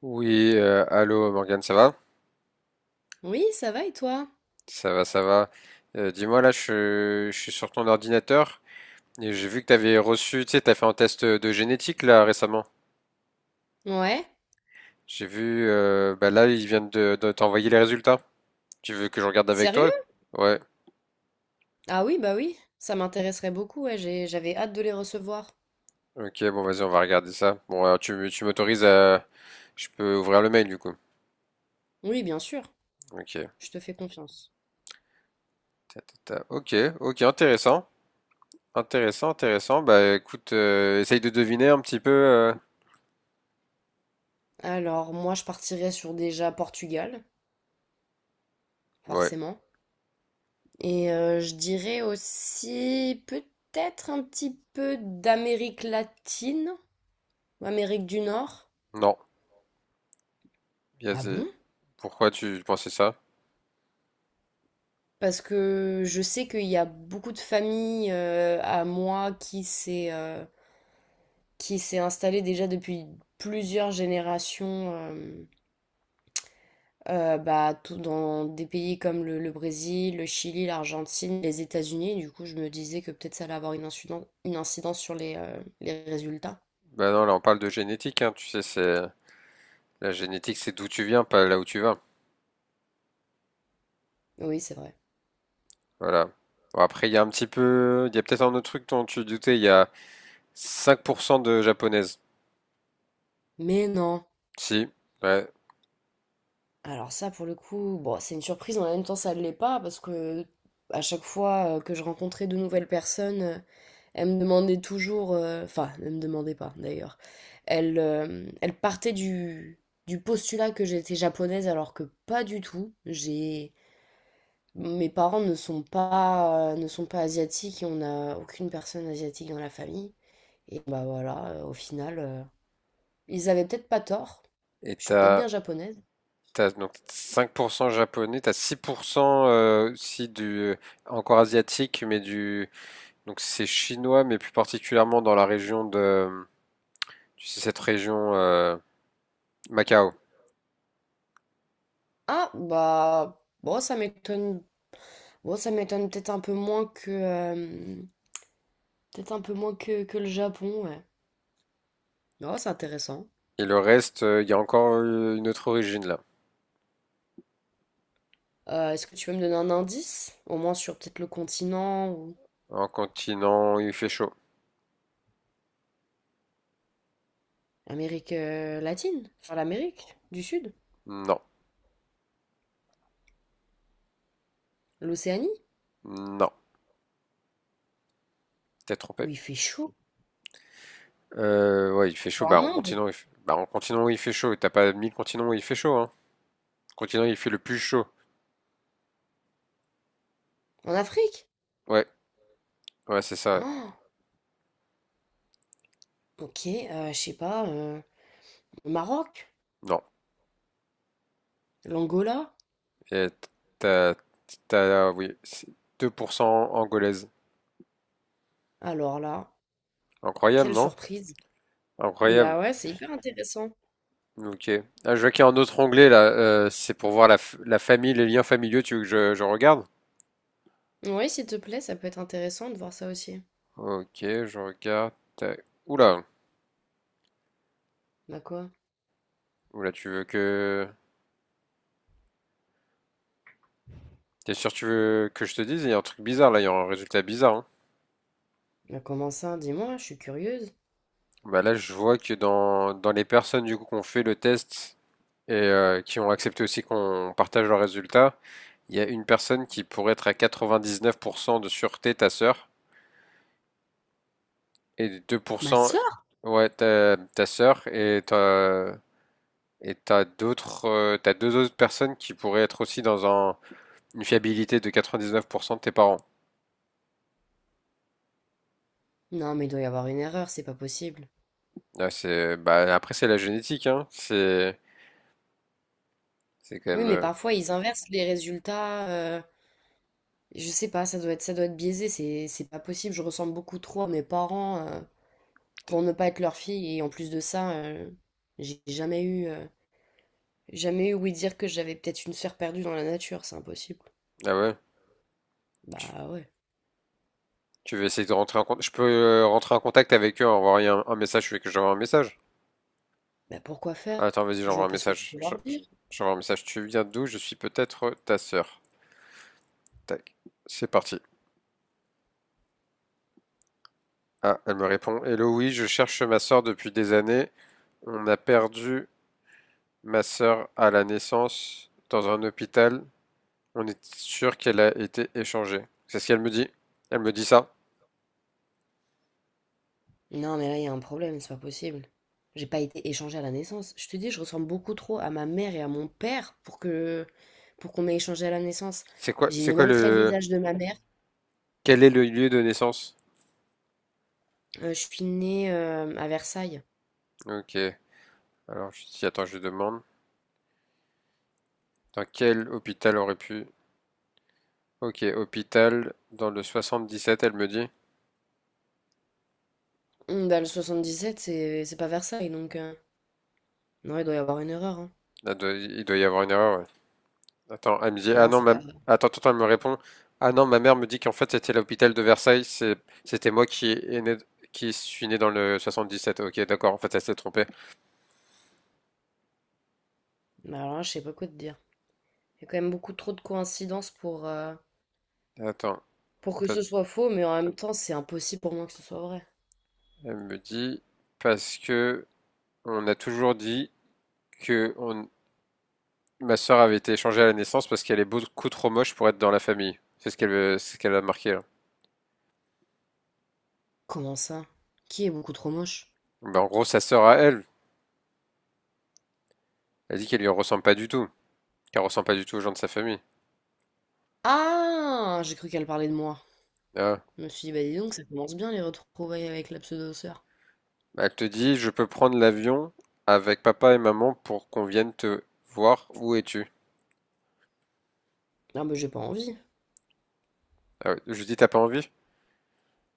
Oui, allô Morgane, ça va? Oui, ça va et toi? Ça va, ça va. Dis-moi, là, je suis sur ton ordinateur et j'ai vu que tu avais reçu, tu sais, tu as fait un test de génétique là récemment. Ouais. J'ai vu, bah là, ils viennent de t'envoyer les résultats. Tu veux que je regarde avec toi? Sérieux? Ouais, Ah oui, bah oui. Ça m'intéresserait beaucoup, ouais, j'avais hâte de les recevoir. ok, bon, vas-y, on va regarder ça. Bon, alors, tu m'autorises à. Je peux ouvrir le mail du coup. Oui, bien sûr. Ok, Je te fais confiance. ta, ta, ta. Ok, ok, intéressant. Intéressant, intéressant. Bah écoute, essaye de deviner un petit peu. Alors, moi, je partirais sur déjà Portugal, Ouais, forcément. Et je dirais aussi peut-être un petit peu d'Amérique latine ou Amérique du Nord. non, Ah Yazé. bon? Pourquoi tu pensais ça? Parce que je sais qu'il y a beaucoup de familles à moi qui s'est installé déjà depuis plusieurs générations bah, tout dans des pays comme le Brésil, le Chili, l'Argentine, les États-Unis. Du coup, je me disais que peut-être ça allait avoir une incidence sur les résultats. Bah non, là on parle de génétique, hein, tu sais, c'est la génétique, c'est d'où tu viens, pas là où tu vas. Oui, c'est vrai. Voilà. Bon, après, il y a un petit peu, il y a peut-être un autre truc dont tu doutais, il y a 5% de japonaises. Mais non. Si, ouais. Alors ça, pour le coup, bon, c'est une surprise, mais en même temps, ça ne l'est pas, parce que à chaque fois que je rencontrais de nouvelles personnes, elles me demandaient toujours, enfin, ne me demandaient pas d'ailleurs, elles partaient du postulat que j'étais japonaise, alors que pas du tout. Mes parents ne sont pas, ne sont pas asiatiques et on n'a aucune personne asiatique dans la famille. Et bah voilà, au final, ils avaient peut-être pas tort. Et Je suis peut-être t'as, bien japonaise. Donc 5% japonais, t'as 6% aussi du, euh, encore asiatique, mais du, donc c'est chinois, mais plus particulièrement dans la région de, tu sais, cette région, Macao. Ah, bah, bon, ça m'étonne. Bon, ça m'étonne peut-être un peu moins que, peut-être un peu moins que le Japon, ouais. Non, c'est intéressant. Et le reste, il y a encore une autre origine là. Est-ce que tu peux me donner un indice? Au moins sur peut-être le continent ou En continent, il fait chaud. l'Amérique latine? Enfin, l'Amérique du Sud? Non, L'Océanie? non, t'es Où trompé. il fait chaud? Ouais, il fait chaud. Quoi, Bah, en en Inde? continent, il fait... bah, en continent, il fait chaud. T'as pas mis le continent où il fait chaud, hein. Continent, il fait le plus chaud. En Afrique? Ouais, ouais, c'est ça. Oh, ok, je sais pas, le Maroc? Non. L'Angola? Et t'as, t'as, oui, c'est 2% angolaise. Alors là, Incroyable, quelle non? surprise. Incroyable. Bah ouais, c'est hyper intéressant. Ok. Ah, je vois qu'il y a un autre onglet là. C'est pour voir la famille, les liens familiaux. Tu veux que je regarde? Oui, s'il te plaît, ça peut être intéressant de voir ça aussi. Ok, je regarde. Tac. Oula. Bah quoi? Oula, tu veux que. T'es sûr que tu veux que je te dise? Il y a un truc bizarre là, il y a un résultat bizarre, hein. Bah comment ça? Dis-moi, je suis curieuse. Bah là, je vois que dans les personnes du coup qu'on fait le test et qui ont accepté aussi qu'on partage leurs résultats, il y a une personne qui pourrait être à 99% de sûreté, ta sœur, et Ma 2%, sœur? ouais, ta sœur, et t'as d'autres, t'as deux autres personnes qui pourraient être aussi une fiabilité de 99% de tes parents. Non, mais il doit y avoir une erreur, c'est pas possible. Ah, c'est, bah, après, c'est la génétique, hein. C'est quand Oui, même. mais euh, parfois ils inversent les résultats, je sais pas, ça doit être biaisé, c'est pas possible. Je ressemble beaucoup trop à mes parents pour ne pas être leur fille. Et en plus de ça, j'ai jamais jamais eu oui dire que j'avais peut-être une sœur perdue dans la nature, c'est impossible. Ah ouais. Tu Bah ouais. tu veux essayer de rentrer en contact? Je peux rentrer en contact avec eux, envoyer un message. Tu veux que j'envoie un message? Bah pourquoi faire? Attends, vas-y, Je j'envoie vois un pas ce que tu message. peux leur dire. J'envoie un message. Tu viens d'où? Je suis peut-être ta sœur. Tac. C'est parti. Ah, elle me répond. Hello, oui, je cherche ma sœur depuis des années. On a perdu ma sœur à la naissance dans un hôpital. On est sûr qu'elle a été échangée. C'est ce qu'elle me dit. Elle me dit ça. Non, mais là, il y a un problème, c'est pas possible. J'ai pas été échangée à la naissance. Je te dis, je ressemble beaucoup trop à ma mère et à mon père pour que pour qu'on ait échangé à la naissance. C'est quoi, J'ai c'est les quoi mêmes traits de le, visage de ma mère. quel est le lieu de naissance? Je suis née à Versailles. Ok. Alors, je dis, attends, je demande. Dans quel hôpital aurait pu... Ok, hôpital dans le 77, elle me dit. Dans le sept c'est pas Versailles, donc... Non, il doit y avoir une erreur, hein. Là, il doit y avoir une erreur, ouais. Attends, elle me dit. Ah Non, non, c'est ma... pas vrai. attends, attends, elle me répond. Ah non, ma mère me dit qu'en fait c'était l'hôpital de Versailles. C'est... C'était moi qui est né... qui suis né dans le 77. Ok, d'accord. En fait, elle s'est trompée. Bah alors là, je sais pas quoi te dire. Il y a quand même beaucoup trop de coïncidences Attends, pour que ce parce- soit faux, mais en même temps, c'est impossible pour moi que ce soit vrai. elle me dit parce que on a toujours dit que on... ma sœur avait été échangée à la naissance parce qu'elle est beaucoup trop moche pour être dans la famille. C'est ce qu'elle a marqué là. Comment ça? Qui est beaucoup trop moche? Ben, en gros, sa sœur à elle, elle dit qu'elle lui ressemble pas du tout, qu'elle ressemble pas du tout aux gens de sa famille. Ah! J'ai cru qu'elle parlait de moi. Ah. Je me suis dit, bah dis donc, ça commence bien les retrouvailles avec la pseudo-sœur. Elle te dit, je peux prendre l'avion avec papa et maman pour qu'on vienne te voir. Où es-tu? Ah bah j'ai pas envie. Ah ouais. Je lui dis, t'as pas envie?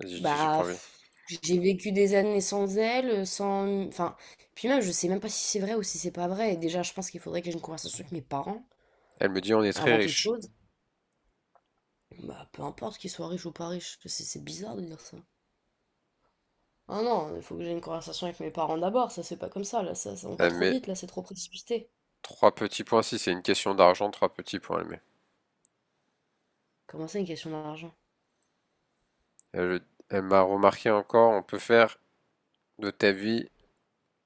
Elle dit, j'ai pas Bah, envie. pff, j'ai vécu des années sans elle, sans... Enfin, puis même, je sais même pas si c'est vrai ou si c'est pas vrai. Et déjà, je pense qu'il faudrait que j'ai une conversation avec mes parents, Elle me dit, on est très avant toute riche. chose. Bah, peu importe qu'ils soient riches ou pas riches, c'est bizarre de dire ça. Ah non, il faut que j'ai une conversation avec mes parents d'abord, ça c'est pas comme ça, là, ça- on va Elle trop met vite, là, c'est trop précipité. trois petits points. Si c'est une question d'argent, trois petits points, elle met. Comment ça, une question d'argent? Elle, elle m'a remarqué encore, on peut faire de ta vie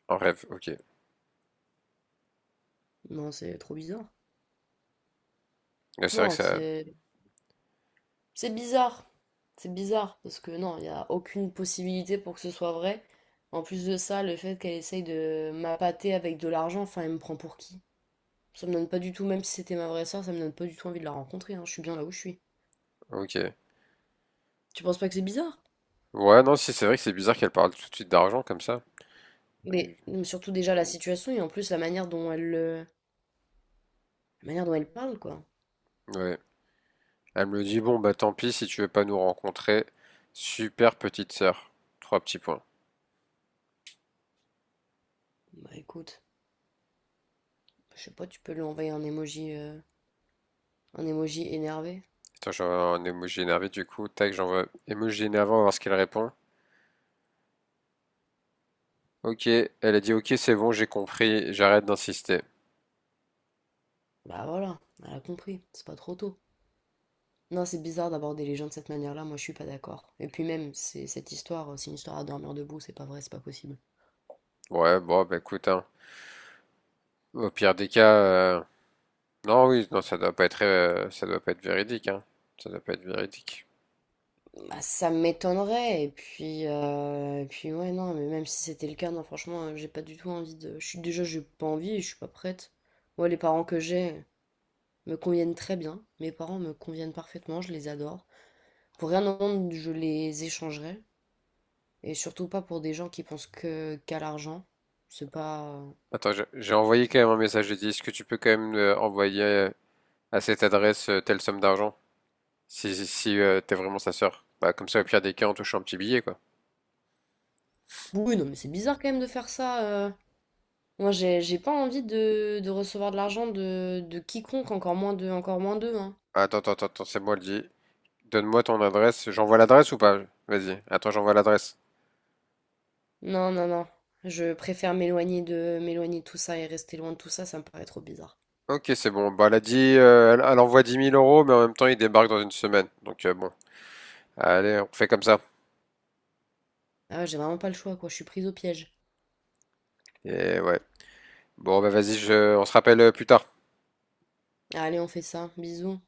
un rêve. Ok. Non, c'est trop bizarre. Ouais, c'est vrai que Non, ça. c'est... c'est bizarre. C'est bizarre parce que non, il n'y a aucune possibilité pour que ce soit vrai. En plus de ça, le fait qu'elle essaye de m'appâter avec de l'argent, enfin, elle me prend pour qui? Ça me donne pas du tout, même si c'était ma vraie sœur, ça me donne pas du tout envie de la rencontrer, hein. Je suis bien là où je suis. Ok. Tu penses pas que c'est bizarre? Ouais, non, si c'est vrai que c'est bizarre qu'elle parle tout de suite d'argent comme ça. Mais surtout déjà la situation et en plus la manière dont elle, la manière dont elle parle, quoi. Ouais, elle me dit, bon, bah tant pis si tu veux pas nous rencontrer. Super petite sœur. Trois petits points. Bah écoute, je sais pas, tu peux lui envoyer un emoji énervé. Attends, j'envoie un emoji énervé du coup. Tac, j'envoie emoji énervé, on va voir ce qu'elle répond. Ok, elle a dit, ok, c'est bon, j'ai compris, j'arrête d'insister. Bah voilà, elle a compris, c'est pas trop tôt. Non, c'est bizarre d'aborder les gens de cette manière-là, moi je suis pas d'accord. Et puis même, c'est cette histoire, c'est une histoire à dormir debout, c'est pas vrai, c'est pas possible. Ouais, bon, bah écoute, hein. Au pire des cas, non, oui, non, ça doit pas être véridique, hein. Ça doit pas être véridique. Bah ça m'étonnerait, et puis ouais non, mais même si c'était le cas, non franchement, j'ai pas du tout envie de. Je suis déjà j'ai pas envie, je suis pas prête. Moi les parents que j'ai me conviennent très bien. Mes parents me conviennent parfaitement, je les adore. Pour rien au monde, je les échangerais. Et surtout pas pour des gens qui pensent que qu'à l'argent. C'est pas. Attends, j'ai envoyé quand même un message. J'ai dit, est-ce que tu peux quand même envoyer à cette adresse telle somme d'argent? Si, si, si, t'es vraiment sa sœur. Bah, comme ça, au pire des cas, on touche un petit billet, quoi. Oui, non, mais c'est bizarre quand même de faire ça. Moi, j'ai pas envie de recevoir de l'argent de quiconque, encore moins encore moins d'eux, hein. Attends, attends, attends, attends, c'est moi le dit. Donne-moi ton adresse. J'envoie l'adresse ou pas? Vas-y. Attends, j'envoie l'adresse. Non, non, non. Je préfère m'éloigner m'éloigner de tout ça et rester loin de tout ça, ça me paraît trop bizarre. Ok, c'est bon. Bah, elle a dit, elle envoie dix mille euros, mais en même temps, il débarque dans une semaine. Donc, bon. Allez, on fait comme ça. Ah ouais, j'ai vraiment pas le choix, quoi. Je suis prise au piège. Et ouais. Bon, bah, vas-y, je... on se rappelle plus tard. Allez, on fait ça. Bisous.